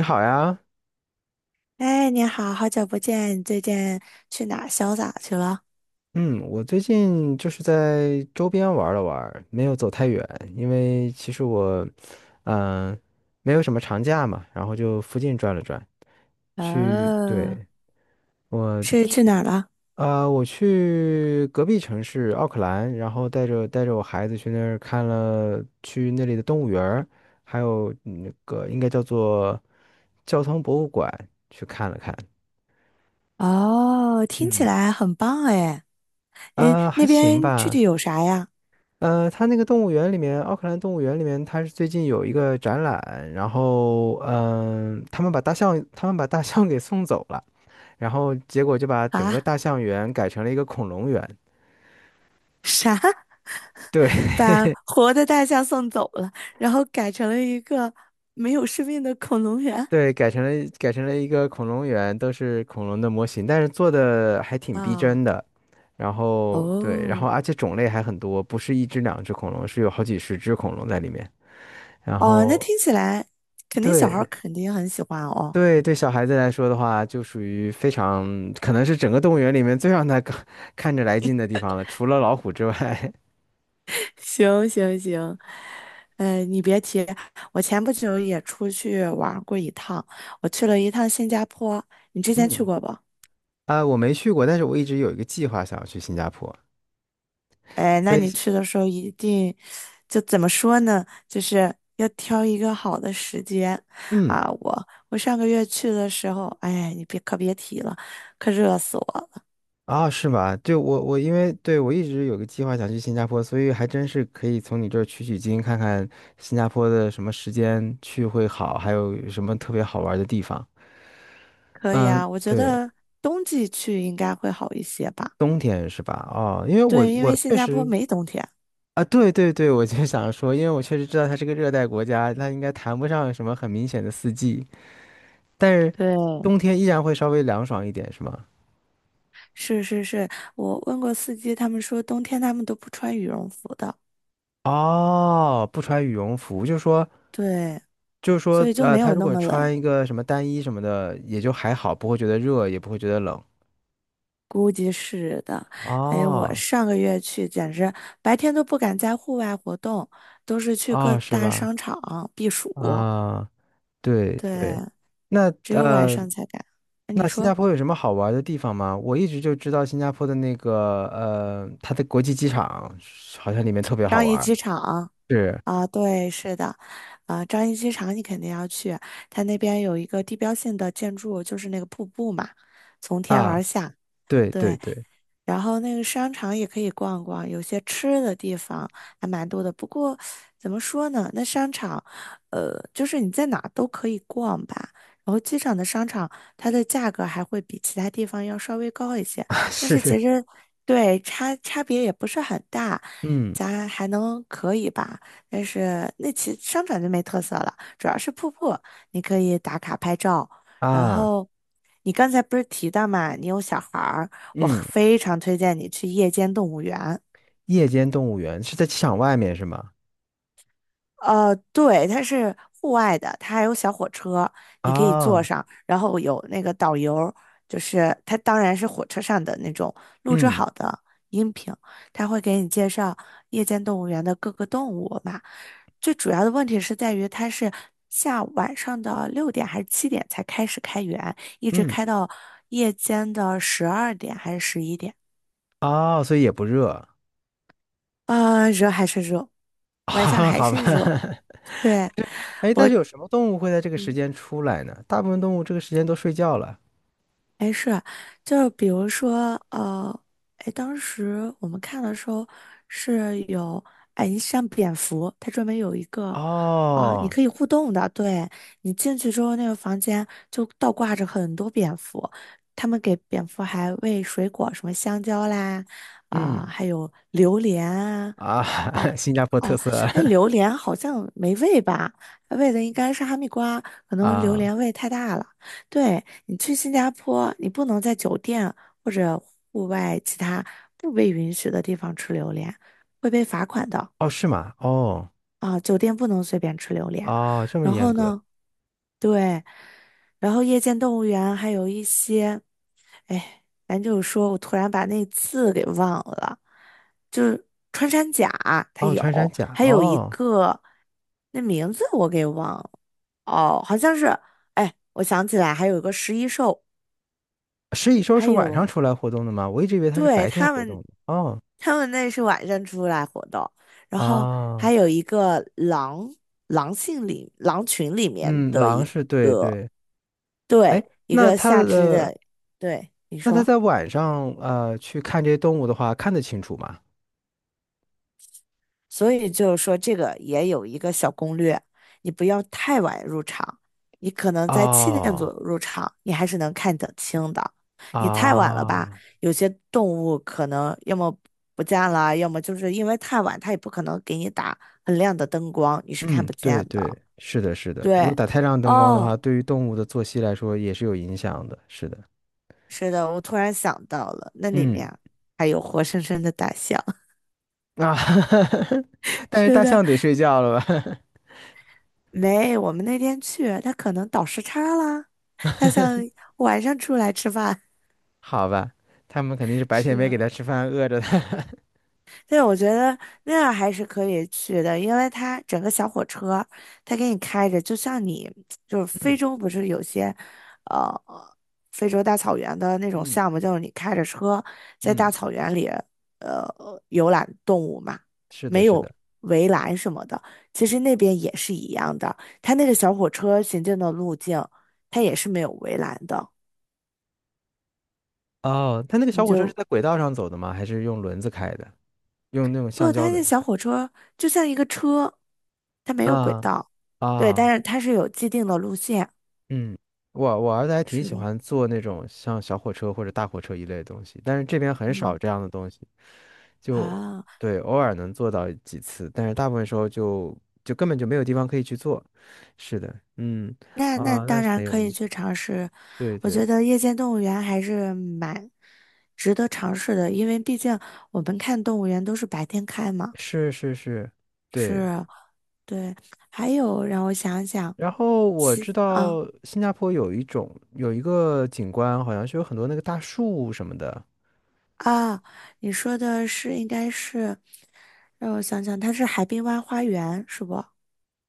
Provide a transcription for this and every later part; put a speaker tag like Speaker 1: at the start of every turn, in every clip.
Speaker 1: 你好呀，
Speaker 2: 哎，你好，好久不见，你最近去哪儿潇洒去了？
Speaker 1: 嗯，我最近就是在周边玩了玩儿没有走太远，因为其实我，嗯、没有什么长假嘛，然后就附近转了转，
Speaker 2: 哦，
Speaker 1: 对，我
Speaker 2: 是
Speaker 1: 去，
Speaker 2: 去哪儿了？
Speaker 1: 我去隔壁城市奥克兰，然后带着我孩子去那儿看了去那里的动物园儿还有那个应该叫做交通博物馆去看了看，
Speaker 2: 哦，听起
Speaker 1: 嗯，
Speaker 2: 来很棒哎。诶，
Speaker 1: 还
Speaker 2: 那
Speaker 1: 行
Speaker 2: 边具
Speaker 1: 吧。
Speaker 2: 体有啥呀？
Speaker 1: 它那个动物园里面，奥克兰动物园里面，它是最近有一个展览，然后，他们把大象给送走了，然后结果就把整个
Speaker 2: 啊，
Speaker 1: 大象园改成了一个恐龙园。
Speaker 2: 啥？
Speaker 1: 对
Speaker 2: 把活的大象送走了，然后改成了一个没有生命的恐龙 园
Speaker 1: 对，改成了一个恐龙园，都是恐龙的模型，但是做的还挺逼
Speaker 2: 啊？
Speaker 1: 真的。然后对，然后
Speaker 2: 哦，
Speaker 1: 而且种类还很多，不是一只两只恐龙，是有好几十只恐龙在里面。然
Speaker 2: 哦，那
Speaker 1: 后
Speaker 2: 听起来肯定小孩儿
Speaker 1: 对，
Speaker 2: 肯定很喜欢哦。
Speaker 1: 对对，小孩子来说的话，就属于非常可能是整个动物园里面最让他看着来劲的地方了，除了老虎之外。
Speaker 2: 行行行，哎，你别提，我前不久也出去玩儿过一趟，我去了一趟新加坡，你 之前去
Speaker 1: 嗯，
Speaker 2: 过不？
Speaker 1: 啊，我没去过，但是我一直有一个计划想要去新加坡，
Speaker 2: 哎，
Speaker 1: 所
Speaker 2: 那
Speaker 1: 以
Speaker 2: 你去的时候一定，就怎么说呢，就是要挑一个好的时间
Speaker 1: 嗯，
Speaker 2: 啊！我上个月去的时候，哎，你别可别提了，可热死我了。
Speaker 1: 啊，是吗？对，我因为对我一直有个计划想去新加坡，所以还真是可以从你这儿取取经，看看新加坡的什么时间去会好，还有什么特别好玩的地方。
Speaker 2: 可以
Speaker 1: 嗯，
Speaker 2: 啊，我觉
Speaker 1: 对，
Speaker 2: 得冬季去应该会好一些吧？
Speaker 1: 冬天是吧？哦，因为我
Speaker 2: 对，因为
Speaker 1: 我
Speaker 2: 新
Speaker 1: 确
Speaker 2: 加坡
Speaker 1: 实。
Speaker 2: 没冬天。
Speaker 1: 啊，对对对，我就想说，因为我确实知道它是个热带国家，它应该谈不上什么很明显的四季，但是
Speaker 2: 对。
Speaker 1: 冬天依然会稍微凉爽一点，是吗？
Speaker 2: 是是是，我问过司机，他们说冬天他们都不穿羽绒服的，
Speaker 1: 哦，不穿羽绒服，就是说，
Speaker 2: 对，所以就没
Speaker 1: 他
Speaker 2: 有
Speaker 1: 如
Speaker 2: 那
Speaker 1: 果
Speaker 2: 么冷，
Speaker 1: 穿一个什么单衣什么的，也就还好，不会觉得热，也不会觉得冷。
Speaker 2: 估计是的。哎呀，我
Speaker 1: 哦，
Speaker 2: 上个月去，简直白天都不敢在户外活动，都是去各
Speaker 1: 哦，是
Speaker 2: 大
Speaker 1: 吧？
Speaker 2: 商场避暑，
Speaker 1: 啊，对
Speaker 2: 对，
Speaker 1: 对，那
Speaker 2: 只有晚
Speaker 1: 。
Speaker 2: 上才敢。那你
Speaker 1: 那新加
Speaker 2: 说
Speaker 1: 坡有什么好玩的地方吗？我一直就知道新加坡的那个它的国际机场好像里面特别好
Speaker 2: 张掖
Speaker 1: 玩儿
Speaker 2: 机场
Speaker 1: 是
Speaker 2: 啊？对，是的，啊，张掖机场你肯定要去，它那边有一个地标性的建筑，就是那个瀑布嘛，从天而
Speaker 1: 啊，
Speaker 2: 下。
Speaker 1: 对对
Speaker 2: 对，
Speaker 1: 对，
Speaker 2: 然后那个商场也可以逛逛，有些吃的地方还蛮多的。不过怎么说呢，那商场，就是你在哪儿都可以逛吧。然后机场的商场，它的价格还会比其他地方要稍微高一些，
Speaker 1: 啊
Speaker 2: 但是其
Speaker 1: 是，
Speaker 2: 实对差别也不是很大，
Speaker 1: 嗯
Speaker 2: 咱还能可以吧。但是那其商场就没特色了，主要是瀑布，你可以打卡拍照，然
Speaker 1: 啊
Speaker 2: 后。你刚才不是提到嘛，你有小孩儿，我
Speaker 1: 嗯，
Speaker 2: 非常推荐你去夜间动物园。
Speaker 1: 夜间动物园是在机场外面是吗？
Speaker 2: 对，它是户外的，它还有小火车，你可以坐
Speaker 1: 啊，
Speaker 2: 上，然后有那个导游，就是它当然是火车上的那种录制
Speaker 1: 嗯
Speaker 2: 好的音频，他会给你介绍夜间动物园的各个动物嘛。最主要的问题是在于它是下午晚上的6点还是七点才开始开园，一直
Speaker 1: 嗯，
Speaker 2: 开到夜间的12点还是11点。
Speaker 1: 哦，所以也不热
Speaker 2: 热还是热，晚上
Speaker 1: 啊
Speaker 2: 还
Speaker 1: 好吧。
Speaker 2: 是 热。对，
Speaker 1: 哎，但
Speaker 2: 我，
Speaker 1: 是有什么动物会在这个时间出来呢？大部分动物这个时间都睡觉了。
Speaker 2: 哎，是，就是比如说，哎，当时我们看的时候是有，哎，你像蝙蝠，它专门有一个你
Speaker 1: 哦，
Speaker 2: 可以互动的，对，你进去之后，那个房间就倒挂着很多蝙蝠，他们给蝙蝠还喂水果，什么香蕉啦，
Speaker 1: 嗯
Speaker 2: 还有榴莲啊，
Speaker 1: 啊，
Speaker 2: 啊
Speaker 1: 新加坡特
Speaker 2: 哦，
Speaker 1: 色
Speaker 2: 哎，榴莲好像没味吧？味的应该是哈密瓜，可 能榴
Speaker 1: 啊。
Speaker 2: 莲味太大了。对，你去新加坡，你不能在酒店或者户外其他不被允许的地方吃榴莲，会被罚款的
Speaker 1: 哦，是吗？哦，
Speaker 2: 啊，酒店不能随便吃榴莲。
Speaker 1: 哦，这么
Speaker 2: 然
Speaker 1: 严
Speaker 2: 后
Speaker 1: 格。
Speaker 2: 呢？对，然后夜间动物园还有一些，哎，咱就是说我突然把那字给忘了，就是穿山甲它
Speaker 1: 哦，
Speaker 2: 有，
Speaker 1: 穿山甲。
Speaker 2: 还有一
Speaker 1: 哦，
Speaker 2: 个那名字我给忘了，哦，好像是，哎，我想起来还有一个十一兽，
Speaker 1: 食蚁兽
Speaker 2: 还
Speaker 1: 是晚上
Speaker 2: 有
Speaker 1: 出来活动的吗？我一直以为它是
Speaker 2: 对
Speaker 1: 白天
Speaker 2: 他
Speaker 1: 活
Speaker 2: 们，
Speaker 1: 动的。哦，
Speaker 2: 他们那是晚上出来活动，然后
Speaker 1: 哦，
Speaker 2: 还有一个狼狼性里狼群里面
Speaker 1: 嗯，
Speaker 2: 的
Speaker 1: 狼
Speaker 2: 一
Speaker 1: 是对对。哎，
Speaker 2: 对一
Speaker 1: 那
Speaker 2: 个
Speaker 1: 它
Speaker 2: 下肢
Speaker 1: 的，
Speaker 2: 的，对你
Speaker 1: 那它
Speaker 2: 说。
Speaker 1: 在晚上去看这些动物的话，看得清楚吗？
Speaker 2: 所以就是说，这个也有一个小攻略，你不要太晚入场，你可能在七点左
Speaker 1: 哦，
Speaker 2: 右入场，你还是能看得清的。你太晚了吧，
Speaker 1: 啊，
Speaker 2: 有些动物可能要么不见了，要么就是因为太晚，它也不可能给你打很亮的灯光，你是看
Speaker 1: 嗯，
Speaker 2: 不见
Speaker 1: 对对，
Speaker 2: 的。
Speaker 1: 是的，是的。如果
Speaker 2: 对，
Speaker 1: 打太亮灯光的
Speaker 2: 哦，
Speaker 1: 话，对于动物的作息来说也是有影响的。是的，
Speaker 2: 是的，我突然想到了，那里
Speaker 1: 嗯，
Speaker 2: 面还有活生生的大象。
Speaker 1: 啊，但是
Speaker 2: 是
Speaker 1: 大
Speaker 2: 的，
Speaker 1: 象得睡觉了吧？
Speaker 2: 没，我们那天去，他可能倒时差了，他想晚上出来吃饭。
Speaker 1: 好吧，他们肯定是 白天没给
Speaker 2: 是，
Speaker 1: 他吃饭，饿着他。
Speaker 2: 对，我觉得那样还是可以去的，因为它整个小火车，它给你开着，就像你就是 非
Speaker 1: 嗯
Speaker 2: 洲不是有些，呃，非洲大草原的那种
Speaker 1: 嗯
Speaker 2: 项目，就是你开着车在
Speaker 1: 嗯，
Speaker 2: 大草原里，呃，游览动物嘛，
Speaker 1: 是的，
Speaker 2: 没
Speaker 1: 是
Speaker 2: 有
Speaker 1: 的。
Speaker 2: 围栏什么的，其实那边也是一样的，它那个小火车行进的路径，它也是没有围栏的，
Speaker 1: 哦，他那个
Speaker 2: 你
Speaker 1: 小火车是
Speaker 2: 就。
Speaker 1: 在轨道上走的吗？还是用轮子开的？用那种橡
Speaker 2: 不，
Speaker 1: 胶
Speaker 2: 它
Speaker 1: 轮
Speaker 2: 那
Speaker 1: 子
Speaker 2: 小
Speaker 1: 开？
Speaker 2: 火车就像一个车，它没有轨
Speaker 1: 啊
Speaker 2: 道，对，
Speaker 1: 啊，
Speaker 2: 但是它是有既定的路线。
Speaker 1: 嗯，我儿子还挺
Speaker 2: 是
Speaker 1: 喜
Speaker 2: 的，
Speaker 1: 欢坐那种像小火车或者大火车一类的东西，但是这边很少
Speaker 2: 嗯，
Speaker 1: 这样的东西，就
Speaker 2: 啊，
Speaker 1: 对，偶尔能坐到几次，但是大部分时候就根本就没有地方可以去坐。是的，嗯
Speaker 2: 那
Speaker 1: 啊，那
Speaker 2: 当
Speaker 1: 是
Speaker 2: 然
Speaker 1: 很有
Speaker 2: 可
Speaker 1: 意
Speaker 2: 以
Speaker 1: 思。
Speaker 2: 去尝试。
Speaker 1: 对
Speaker 2: 我
Speaker 1: 对。
Speaker 2: 觉得夜间动物园还是蛮值得尝试的，因为毕竟我们看动物园都是白天开嘛。
Speaker 1: 是是是，对。
Speaker 2: 是，对。还有让我想想，
Speaker 1: 然后我知
Speaker 2: 其啊
Speaker 1: 道新加坡有一个景观，好像是有很多那个大树什么的，
Speaker 2: 啊，你说的应该是，让我想想，它是海滨湾花园是不？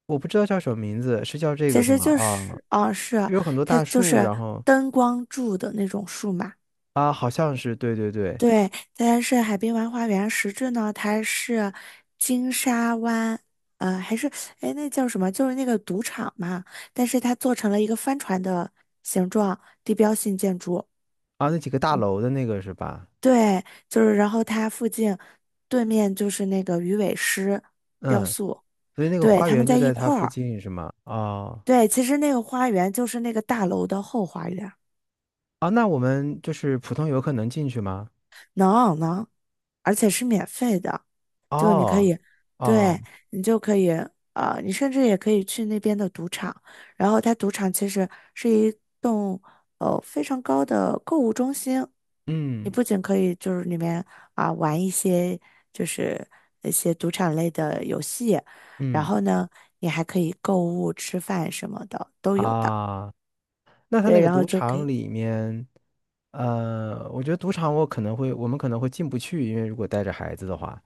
Speaker 1: 我不知道叫什么名字，是叫这个
Speaker 2: 其
Speaker 1: 是
Speaker 2: 实
Speaker 1: 吗？
Speaker 2: 就
Speaker 1: 啊，
Speaker 2: 是哦，是啊
Speaker 1: 有很多
Speaker 2: 它
Speaker 1: 大
Speaker 2: 就
Speaker 1: 树，
Speaker 2: 是
Speaker 1: 然后
Speaker 2: 灯光柱的那种树嘛。
Speaker 1: 啊，好像是对对对，
Speaker 2: 对，它是海滨玩花园，实质呢，它是金沙湾，还是哎那叫什么？就是那个赌场嘛，但是它做成了一个帆船的形状，地标性建筑。
Speaker 1: 啊，那几个大楼的那个是吧？
Speaker 2: 对，就是然后它附近对面就是那个鱼尾狮雕
Speaker 1: 嗯，
Speaker 2: 塑，
Speaker 1: 所以那个
Speaker 2: 对，
Speaker 1: 花
Speaker 2: 他们
Speaker 1: 园就
Speaker 2: 在一
Speaker 1: 在它
Speaker 2: 块
Speaker 1: 附
Speaker 2: 儿。
Speaker 1: 近是吗？哦，
Speaker 2: 对，其实那个花园就是那个大楼的后花园。
Speaker 1: 啊，那我们就是普通游客能进去吗？
Speaker 2: 能能，而且是免费的，就你可
Speaker 1: 哦，
Speaker 2: 以，
Speaker 1: 哦，
Speaker 2: 对，你就可以，你甚至也可以去那边的赌场，然后它赌场其实是一栋非常高的购物中心，你
Speaker 1: 嗯
Speaker 2: 不仅可以就是里面玩一些就是一些赌场类的游戏，然
Speaker 1: 嗯
Speaker 2: 后呢，你还可以购物、吃饭什么的都有的，
Speaker 1: 啊，那它那
Speaker 2: 对，
Speaker 1: 个
Speaker 2: 然
Speaker 1: 赌
Speaker 2: 后就可
Speaker 1: 场
Speaker 2: 以。
Speaker 1: 里面。我觉得赌场我可能会，我们可能会进不去，因为如果带着孩子的话，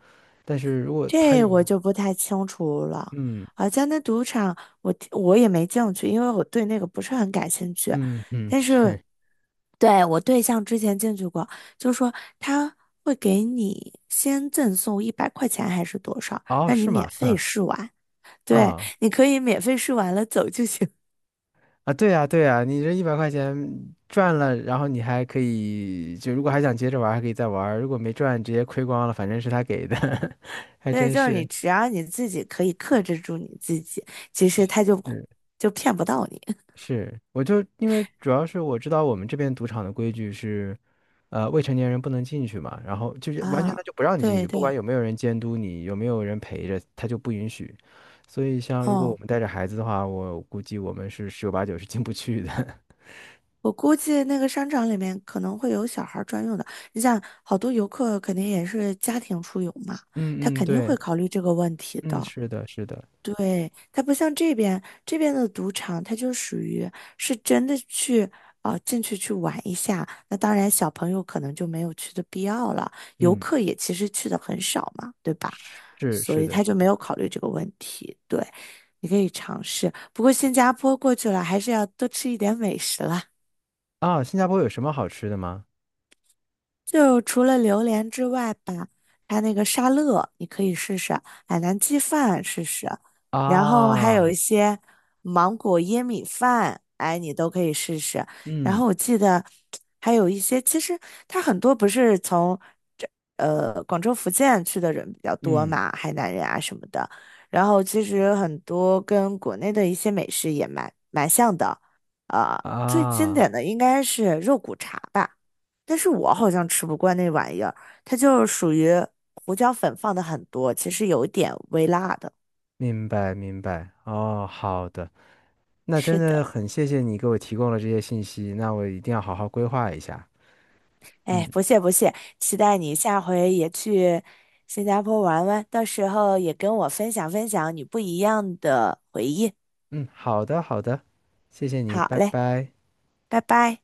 Speaker 1: 但是如果他
Speaker 2: 这我
Speaker 1: 有，
Speaker 2: 就不太清楚了。
Speaker 1: 嗯
Speaker 2: 好像那赌场我也没进去，因为我对那个不是很感兴趣。
Speaker 1: 嗯嗯，
Speaker 2: 但是
Speaker 1: 是，
Speaker 2: 对我对象之前进去过，就说他会给你先赠送100块钱还是多少，
Speaker 1: 哦，
Speaker 2: 让你
Speaker 1: 是吗？
Speaker 2: 免
Speaker 1: 哼
Speaker 2: 费试玩。对，
Speaker 1: 啊
Speaker 2: 你可以免费试完了走就行。
Speaker 1: 啊，对呀对呀，你这100块钱赚了，然后你还可以，就如果还想接着玩儿还可以再玩儿如果没赚，直接亏光了，反正是他给的，还
Speaker 2: 对，
Speaker 1: 真
Speaker 2: 就是你
Speaker 1: 是，
Speaker 2: 只要你自己可以克制住你自己，其实他就
Speaker 1: 嗯，
Speaker 2: 就骗不到你
Speaker 1: 是，我就因为主要是我知道我们这边赌场的规矩是。未成年人不能进去嘛，然后就是完全
Speaker 2: 啊。
Speaker 1: 他就不让你进
Speaker 2: 对
Speaker 1: 去，不管
Speaker 2: 对，
Speaker 1: 有没有人监督你，有没有人陪着，他就不允许。所以像如果我
Speaker 2: 哦。
Speaker 1: 们带着孩子的话，我估计我们是十有八九是进不去的。
Speaker 2: 我估计那个商场里面可能会有小孩儿专用的。你想，好多游客肯定也是家庭出游嘛，他
Speaker 1: 嗯嗯，
Speaker 2: 肯定会
Speaker 1: 对，
Speaker 2: 考虑这个问题
Speaker 1: 嗯，
Speaker 2: 的。
Speaker 1: 是的，是的，
Speaker 2: 对，他不像这边，这边的赌场，它就属于是真的去进去玩一下。那当然，小朋友可能就没有去的必要了，游
Speaker 1: 嗯，
Speaker 2: 客也其实去的很少嘛，对吧？
Speaker 1: 是
Speaker 2: 所
Speaker 1: 是
Speaker 2: 以
Speaker 1: 的，
Speaker 2: 他就
Speaker 1: 是
Speaker 2: 没
Speaker 1: 的。
Speaker 2: 有考虑这个问题。对，你可以尝试，不过新加坡过去了，还是要多吃一点美食啦。
Speaker 1: 啊，新加坡有什么好吃的吗？
Speaker 2: 就除了榴莲之外吧，它那个沙乐你可以试试，海南鸡饭试试，然后还有
Speaker 1: 啊，
Speaker 2: 一些芒果椰米饭，哎，你都可以试试。然
Speaker 1: 嗯
Speaker 2: 后我记得还有一些，其实它很多不是从这广州、福建去的人比较多
Speaker 1: 嗯
Speaker 2: 嘛，海南人啊什么的。然后其实很多跟国内的一些美食也蛮像的，呃，最经
Speaker 1: 啊，
Speaker 2: 典的应该是肉骨茶吧。但是我好像吃不惯那玩意儿，它就是属于胡椒粉放的很多，其实有一点微辣的。
Speaker 1: 明白明白。哦，好的，那真
Speaker 2: 是
Speaker 1: 的
Speaker 2: 的，
Speaker 1: 很谢谢你给我提供了这些信息，那我一定要好好规划一下。
Speaker 2: 哎，不
Speaker 1: 嗯。
Speaker 2: 谢不谢，期待你下回也去新加坡玩玩，到时候也跟我分享分享你不一样的回忆。
Speaker 1: 嗯，好的，好的，谢谢你，
Speaker 2: 好
Speaker 1: 拜
Speaker 2: 嘞，
Speaker 1: 拜。
Speaker 2: 拜拜。